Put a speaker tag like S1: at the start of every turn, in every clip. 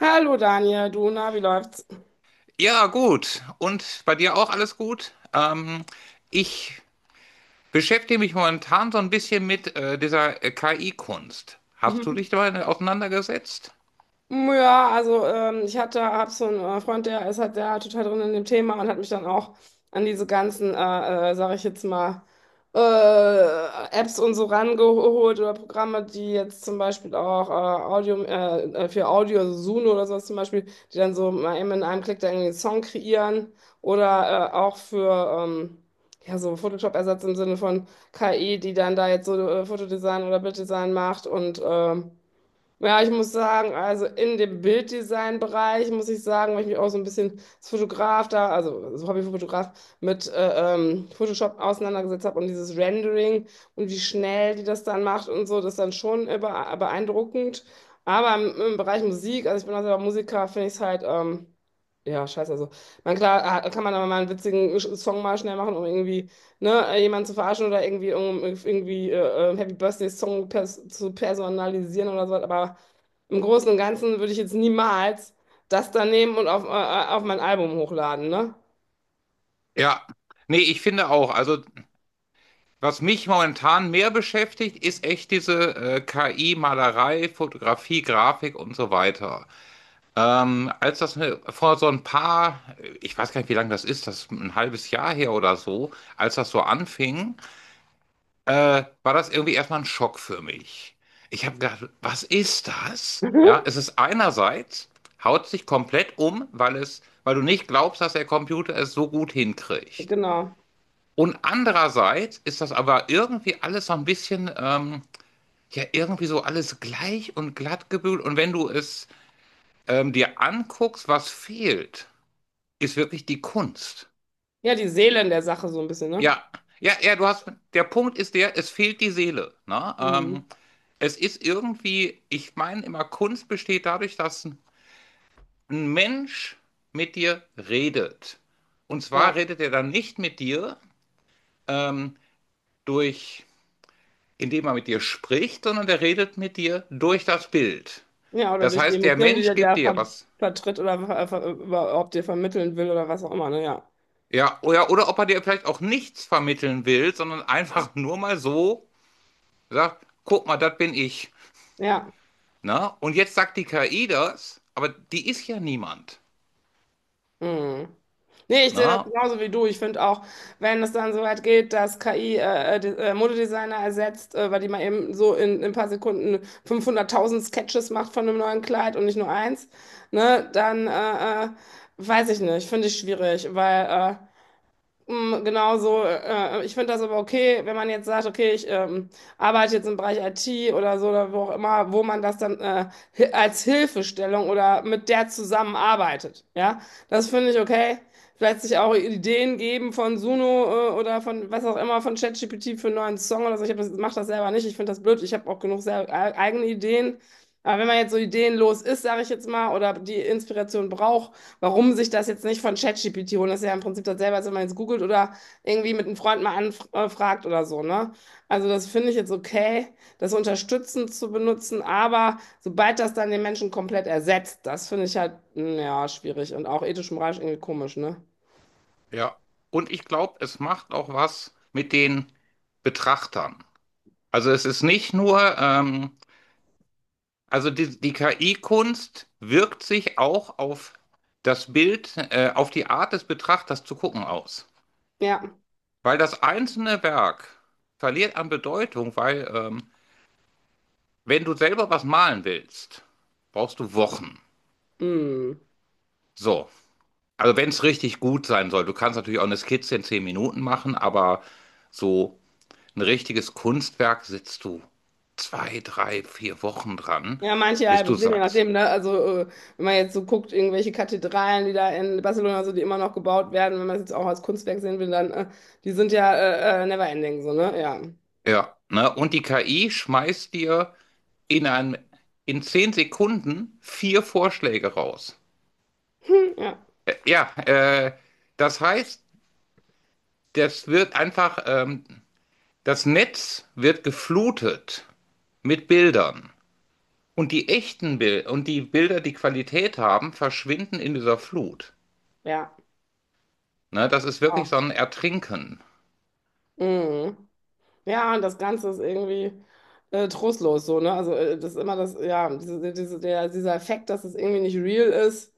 S1: Hallo Daniel, du, na, wie läuft's?
S2: Ja, gut. Und bei dir auch alles gut? Ich beschäftige mich momentan so ein bisschen mit dieser KI-Kunst. Hast du
S1: Mhm.
S2: dich damit auseinandergesetzt?
S1: Mm, ja, also ich hab so einen Freund, der ist halt der total drin in dem Thema und hat mich dann auch an diese ganzen, sage ich jetzt mal, äh, Apps und so rangeholt oder Programme, die jetzt zum Beispiel auch Audio, für Audio, also Suno oder sowas zum Beispiel, die dann so mal eben in einem Klick da irgendwie einen Song kreieren oder auch für ja, so Photoshop-Ersatz im Sinne von KI, die dann da jetzt so Fotodesign oder Bilddesign macht und ja, ich muss sagen, also in dem Bilddesign-Bereich muss ich sagen, weil ich mich auch so ein bisschen als Fotograf da, also als Hobbyfotograf, mit Photoshop auseinandergesetzt habe und dieses Rendering und wie schnell die das dann macht und so, das ist dann schon beeindruckend. Aber im Bereich Musik, also ich bin auch selber Musiker, finde ich es halt, ja, scheiße. Also, man, klar, kann man aber mal einen witzigen Song mal schnell machen, um irgendwie, ne, jemanden zu verarschen oder irgendwie, um, irgendwie Happy Birthday Song pers zu personalisieren oder so, aber. Im Großen und Ganzen würde ich jetzt niemals das da nehmen und auf mein Album hochladen, ne?
S2: Ja. Nee, ich finde auch. Also, was mich momentan mehr beschäftigt, ist echt diese KI-Malerei, Fotografie, Grafik und so weiter. Als das vor so ein paar, ich weiß gar nicht, wie lange das ist ein halbes Jahr her oder so, als das so anfing, war das irgendwie erstmal ein Schock für mich. Ich habe gedacht, was ist das? Ja, es ist einerseits, haut sich komplett um, weil es, weil du nicht glaubst, dass der Computer es so gut hinkriegt.
S1: Genau.
S2: Und andererseits ist das aber irgendwie alles so ein bisschen, ja, irgendwie so alles gleich und glatt gebügelt. Und wenn du es dir anguckst, was fehlt, ist wirklich die Kunst.
S1: Ja, die Seele in der Sache so ein bisschen, ne?
S2: Ja, ja, ja, du hast, der Punkt ist der, es fehlt die Seele. Ne?
S1: Hm.
S2: Es ist irgendwie, ich meine immer, Kunst besteht dadurch, dass ein Mensch mit dir redet. Und zwar
S1: Ja.
S2: redet er dann nicht mit dir ähm, durch, indem er mit dir spricht, sondern er redet mit dir durch das Bild.
S1: Ja, oder
S2: Das
S1: durch die
S2: heißt, der
S1: Emotionen, die
S2: Mensch
S1: der
S2: gibt
S1: da
S2: dir was.
S1: vertritt oder ver ver überhaupt dir vermitteln will oder was auch immer, ne? Ja.
S2: Ja, oder ob er dir vielleicht auch nichts vermitteln will, sondern einfach nur mal so sagt, guck mal, das bin ich.
S1: Ja.
S2: Na? Und jetzt sagt die KI das, aber die ist ja niemand.
S1: Mhm. Nee, ich sehe das
S2: Na?
S1: genauso wie du. Ich finde auch, wenn es dann so weit geht, dass KI Modedesigner ersetzt, weil die mal eben so in ein paar Sekunden 500.000 Sketches macht von einem neuen Kleid und nicht nur eins, ne, dann weiß ich nicht, finde ich schwierig. Äh, Genau so. Ich finde das aber okay, wenn man jetzt sagt, okay, ich arbeite jetzt im Bereich IT oder so oder wo auch immer, wo man das dann als Hilfestellung oder mit der zusammenarbeitet. Ja, das finde ich okay. Vielleicht sich auch Ideen geben von Suno oder von was auch immer, von ChatGPT für einen neuen Song oder so. Ich hab das, mach das selber nicht. Ich finde das blöd. Ich habe auch genug eigene Ideen. Aber wenn man jetzt so ideenlos ist, sage ich jetzt mal, oder die Inspiration braucht, warum sich das jetzt nicht von ChatGPT holen. Das ist ja im Prinzip das selber, als wenn man jetzt googelt oder irgendwie mit einem Freund mal anfragt oder so, ne? Also das finde ich jetzt okay, das unterstützend zu benutzen, aber sobald das dann den Menschen komplett ersetzt, das finde ich halt, ja, schwierig und auch ethisch moralisch irgendwie komisch, ne?
S2: Ja, und ich glaube, es macht auch was mit den Betrachtern. Also es ist nicht nur, also die KI-Kunst wirkt sich auch auf das Bild, auf die Art des Betrachters zu gucken aus.
S1: Ja.
S2: Weil das einzelne Werk verliert an Bedeutung, weil wenn du selber was malen willst, brauchst du Wochen.
S1: Mm.
S2: So, also wenn es richtig gut sein soll, du kannst natürlich auch eine Skizze in 10 Minuten machen, aber so ein richtiges Kunstwerk sitzt du 2, 3, 4 Wochen dran,
S1: Ja, manche
S2: bis du
S1: halbes Leben, je
S2: sagst.
S1: nachdem, ne? Also, äh, wenn man jetzt so guckt, irgendwelche Kathedralen, die da in Barcelona so, die immer noch gebaut werden, wenn man es jetzt auch als Kunstwerk sehen will, dann, die sind ja never ending, so, ne? Ja.
S2: Ja, ne? Und die KI schmeißt dir in einem, in 10 Sekunden vier Vorschläge raus.
S1: Hm, ja.
S2: Ja, das heißt, das wird einfach, das Netz wird geflutet mit Bildern. Und die echten Bilder und die Bilder, die Qualität haben, verschwinden in dieser Flut.
S1: Ja.
S2: Ne, das ist wirklich so
S1: Oh.
S2: ein Ertrinken.
S1: Mhm. Ja, und das Ganze ist irgendwie trostlos so, ne? Also das ist immer das, ja, dieser Effekt, dass es irgendwie nicht real ist,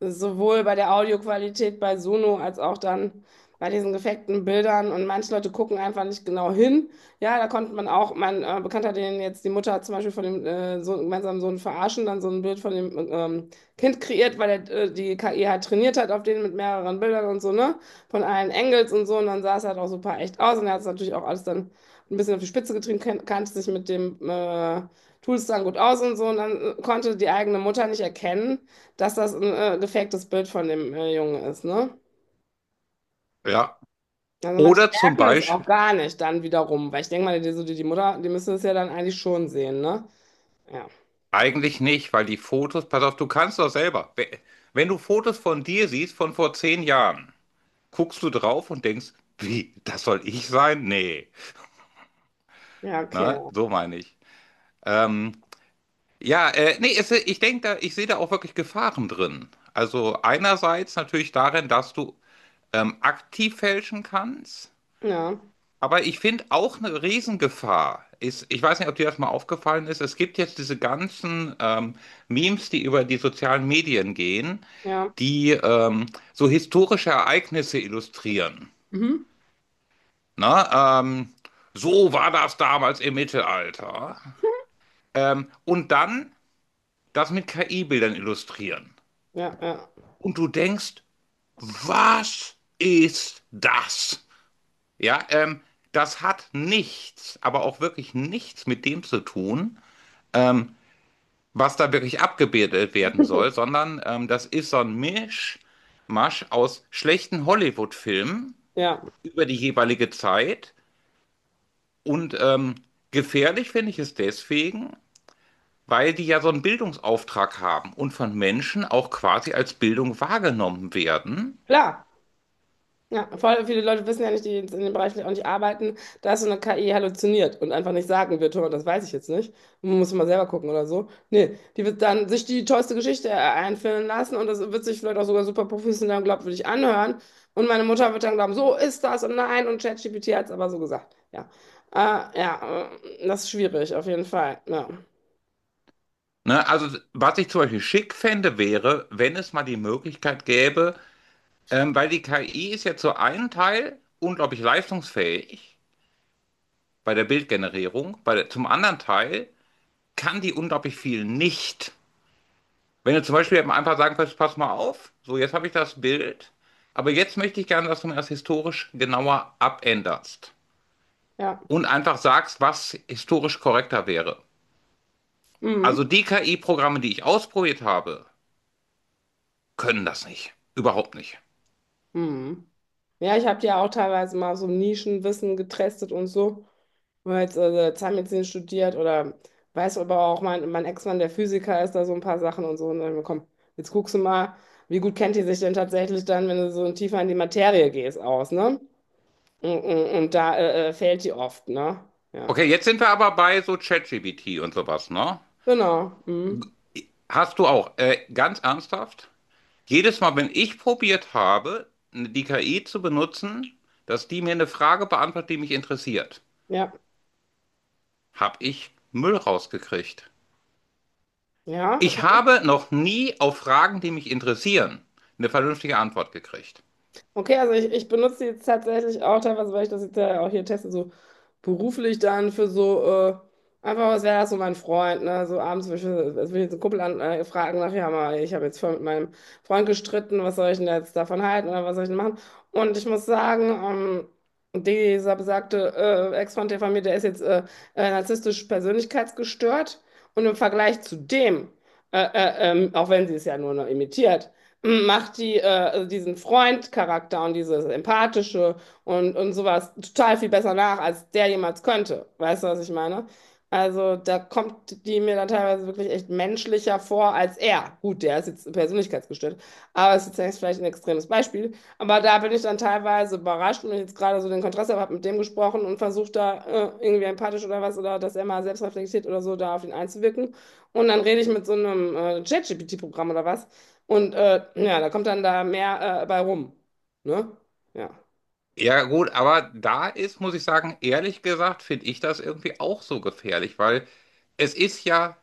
S1: ist sowohl bei der Audioqualität bei Sono als auch dann bei diesen gefakten Bildern. Und manche Leute gucken einfach nicht genau hin. Ja, da konnte man auch, mein Bekannter, den jetzt die Mutter zum Beispiel von dem Sohn, gemeinsamen Sohn verarschen, dann so ein Bild von dem Kind kreiert, weil er die KI halt trainiert hat auf den mit mehreren Bildern und so, ne? Von allen Engels und so. Und dann sah es halt auch super echt aus. Und er hat es natürlich auch alles dann ein bisschen auf die Spitze getrieben, kannte sich mit dem Tools-Dann gut aus und so. Und dann konnte die eigene Mutter nicht erkennen, dass das ein gefaktes Bild von dem Jungen ist, ne?
S2: Ja,
S1: Also manche
S2: oder zum
S1: merken es auch
S2: Beispiel,
S1: gar nicht dann wiederum, weil ich denke mal, die Mutter, die müsste es ja dann eigentlich schon sehen, ne? Ja,
S2: eigentlich nicht, weil die Fotos, pass auf, du kannst doch selber. Wenn du Fotos von dir siehst von vor 10 Jahren, guckst du drauf und denkst, wie, das soll ich sein? Nee,
S1: ja, okay.
S2: ne, so meine ich. Ähm, ja, nee, es, ich denke da, ich sehe da auch wirklich Gefahren drin. Also einerseits natürlich darin, dass du aktiv fälschen kannst.
S1: Ja,
S2: Aber ich finde auch eine Riesengefahr ist, ich weiß nicht, ob dir das mal aufgefallen ist, es gibt jetzt diese ganzen Memes, die über die sozialen Medien gehen,
S1: ja,
S2: die so historische Ereignisse illustrieren.
S1: mhm.
S2: Ne? So war das damals im Mittelalter. Und dann das mit KI-Bildern illustrieren.
S1: Ja, ja,
S2: Und du denkst, was ist das? Ja, das hat nichts, aber auch wirklich nichts mit dem zu tun, ähm, was da wirklich abgebildet werden soll, sondern das ist so ein Mischmasch aus schlechten Hollywood-Filmen
S1: ja.
S2: über die jeweilige Zeit. Und gefährlich finde ich es deswegen, weil die ja so einen Bildungsauftrag haben und von Menschen auch quasi als Bildung wahrgenommen werden.
S1: Klar. Ja, voll viele Leute wissen ja nicht, die jetzt in dem Bereich auch nicht arbeiten, dass so eine KI halluziniert und einfach nicht sagen wird, hör mal, das weiß ich jetzt nicht. Muss mal selber gucken oder so. Nee, die wird dann sich die tollste Geschichte einfüllen lassen und das wird sich vielleicht auch sogar super professionell und glaubwürdig anhören. Und meine Mutter wird dann glauben, so ist das und nein und ChatGPT hat es aber so gesagt. Ja, ja, das ist schwierig auf jeden Fall. Ja,
S2: Ne, also was ich zum Beispiel schick fände, wäre, wenn es mal die Möglichkeit gäbe, weil die KI ist ja zu einem Teil unglaublich leistungsfähig bei der Bildgenerierung, bei der, zum anderen Teil kann die unglaublich viel nicht. Wenn du zum Beispiel einfach sagen kannst, pass mal auf, so jetzt habe ich das Bild, aber jetzt möchte ich gerne, dass du mir das historisch genauer abänderst
S1: ja,
S2: und einfach sagst, was historisch korrekter wäre. Also
S1: mhm.
S2: die KI-Programme, die ich ausprobiert habe, können das nicht. Überhaupt nicht.
S1: Mhm. Ja, ich habe ja auch teilweise mal so Nischenwissen getestet und so. Weil habe jetzt Zahnmedizin studiert oder weiß aber auch, mein Ex-Mann, der Physiker, ist da so ein paar Sachen und so. Und dann, komm, jetzt guckst du mal, wie gut kennt die sich denn tatsächlich dann, wenn du so tiefer in die Materie gehst, aus, ne? Und da fehlt die oft, ne? Ja,
S2: Okay, jetzt sind wir aber bei so ChatGPT und sowas, ne?
S1: genau. Mhm.
S2: Hast du auch, ganz ernsthaft, jedes Mal, wenn ich probiert habe, die KI zu benutzen, dass die mir eine Frage beantwortet, die mich interessiert,
S1: Ja,
S2: habe ich Müll rausgekriegt.
S1: ja. Okay.
S2: Ich habe noch nie auf Fragen, die mich interessieren, eine vernünftige Antwort gekriegt.
S1: Okay, also ich benutze die jetzt tatsächlich auch teilweise, weil ich das jetzt ja auch hier teste, so beruflich dann für so, äh, einfach, was wäre das so mein Freund, ne? So abends will ich jetzt einen Kumpel fragen, nach, ja mal, ich habe jetzt voll mit meinem Freund gestritten, was soll ich denn jetzt davon halten oder was soll ich denn machen? Und ich muss sagen, dieser besagte Ex-Freund der von mir, der ist jetzt narzisstisch persönlichkeitsgestört und im Vergleich zu dem, auch wenn sie es ja nur noch imitiert, macht die, also diesen Freund-Charakter und dieses Empathische und sowas total viel besser nach, als der jemals könnte. Weißt du, was ich meine? Also da kommt die mir dann teilweise wirklich echt menschlicher vor als er. Gut, der ist jetzt persönlichkeitsgestört, aber es ist jetzt vielleicht ein extremes Beispiel. Aber da bin ich dann teilweise überrascht und wenn ich jetzt gerade so den Kontrast habe, habe mit dem gesprochen und versucht da irgendwie empathisch oder was oder dass er mal selbst reflektiert oder so da auf ihn einzuwirken. Und dann rede ich mit so einem ChatGPT-Programm oder was und ja, da kommt dann da mehr bei rum. Ne? Ja.
S2: Ja gut, aber da ist, muss ich sagen, ehrlich gesagt, finde ich das irgendwie auch so gefährlich, weil es ist ja,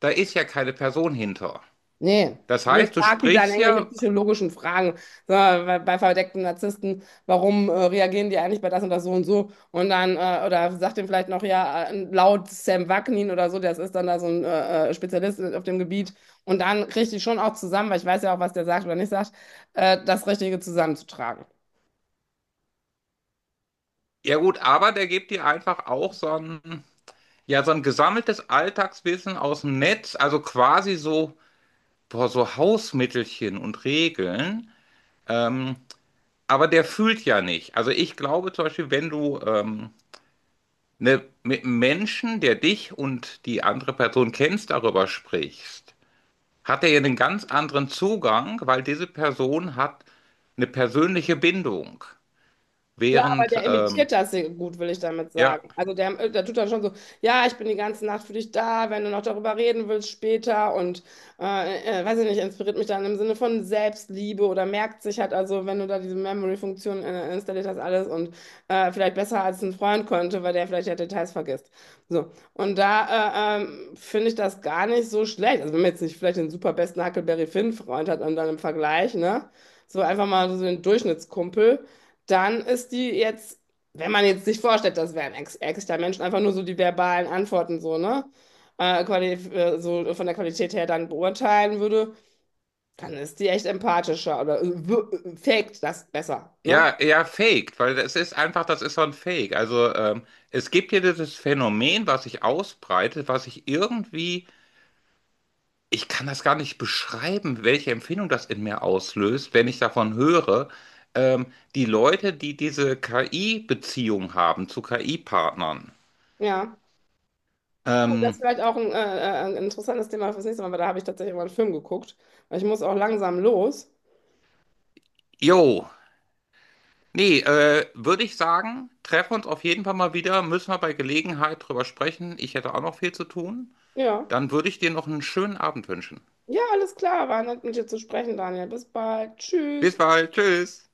S2: da ist ja keine Person hinter.
S1: Nee.
S2: Das
S1: Nee, ich
S2: heißt, du
S1: frage die dann
S2: sprichst
S1: irgendwelche
S2: ja,
S1: psychologischen Fragen. So, bei verdeckten Narzissten, warum reagieren die eigentlich bei das und das so und so? Und dann, oder sagt dem vielleicht noch, ja, laut Sam Vaknin oder so, das ist dann da so ein Spezialist auf dem Gebiet. Und dann kriege ich die schon auch zusammen, weil ich weiß ja auch, was der sagt oder nicht sagt, das Richtige zusammenzutragen.
S2: ja gut, aber der gibt dir einfach auch so ein, ja, so ein gesammeltes Alltagswissen aus dem Netz, also quasi so, boah, so Hausmittelchen und Regeln. ähm, Aber der fühlt ja nicht. Also ich glaube zum Beispiel, wenn du ne, mit einem Menschen, der dich und die andere Person kennst, darüber sprichst, hat er ja einen ganz anderen Zugang, weil diese Person hat eine persönliche Bindung.
S1: Klar, aber
S2: Während,
S1: der imitiert das sehr gut, will ich damit
S2: ja,
S1: sagen. Also der tut dann schon so, ja, ich bin die ganze Nacht für dich da, wenn du noch darüber reden willst später und weiß ich nicht, inspiriert mich dann im Sinne von Selbstliebe oder merkt sich halt, also wenn du da diese Memory-Funktion installiert hast, alles und vielleicht besser als ein Freund könnte, weil der vielleicht ja Details vergisst. So, und da finde ich das gar nicht so schlecht. Also wenn man jetzt nicht vielleicht den super besten Huckleberry Finn-Freund hat und dann im Vergleich, ne? So einfach mal so den Durchschnittskumpel dann ist die jetzt, wenn man jetzt sich vorstellt, das wären ex echter Menschen, einfach nur so die verbalen Antworten so, ne? So von der Qualität her dann beurteilen würde, dann ist die echt empathischer oder faked das besser, ne?
S2: ja, ja, faked, weil es ist einfach, das ist so ein Fake. Also es gibt hier dieses Phänomen, was sich ausbreitet, was sich irgendwie ich kann das gar nicht beschreiben, welche Empfindung das in mir auslöst, wenn ich davon höre, die Leute, die diese KI-Beziehung haben zu KI-Partnern.
S1: Ja. Oh, das ist
S2: Ähm,
S1: vielleicht auch ein interessantes Thema fürs nächste Mal, weil da habe ich tatsächlich mal einen Film geguckt. Weil ich muss auch langsam los.
S2: jo, nee, würde ich sagen, treffen wir uns auf jeden Fall mal wieder, müssen wir bei Gelegenheit drüber sprechen. Ich hätte auch noch viel zu tun.
S1: Ja.
S2: Dann würde ich dir noch einen schönen Abend wünschen.
S1: Ja, alles klar. War nett, mit dir zu sprechen, Daniel. Bis bald. Tschüss.
S2: Bis bald, tschüss.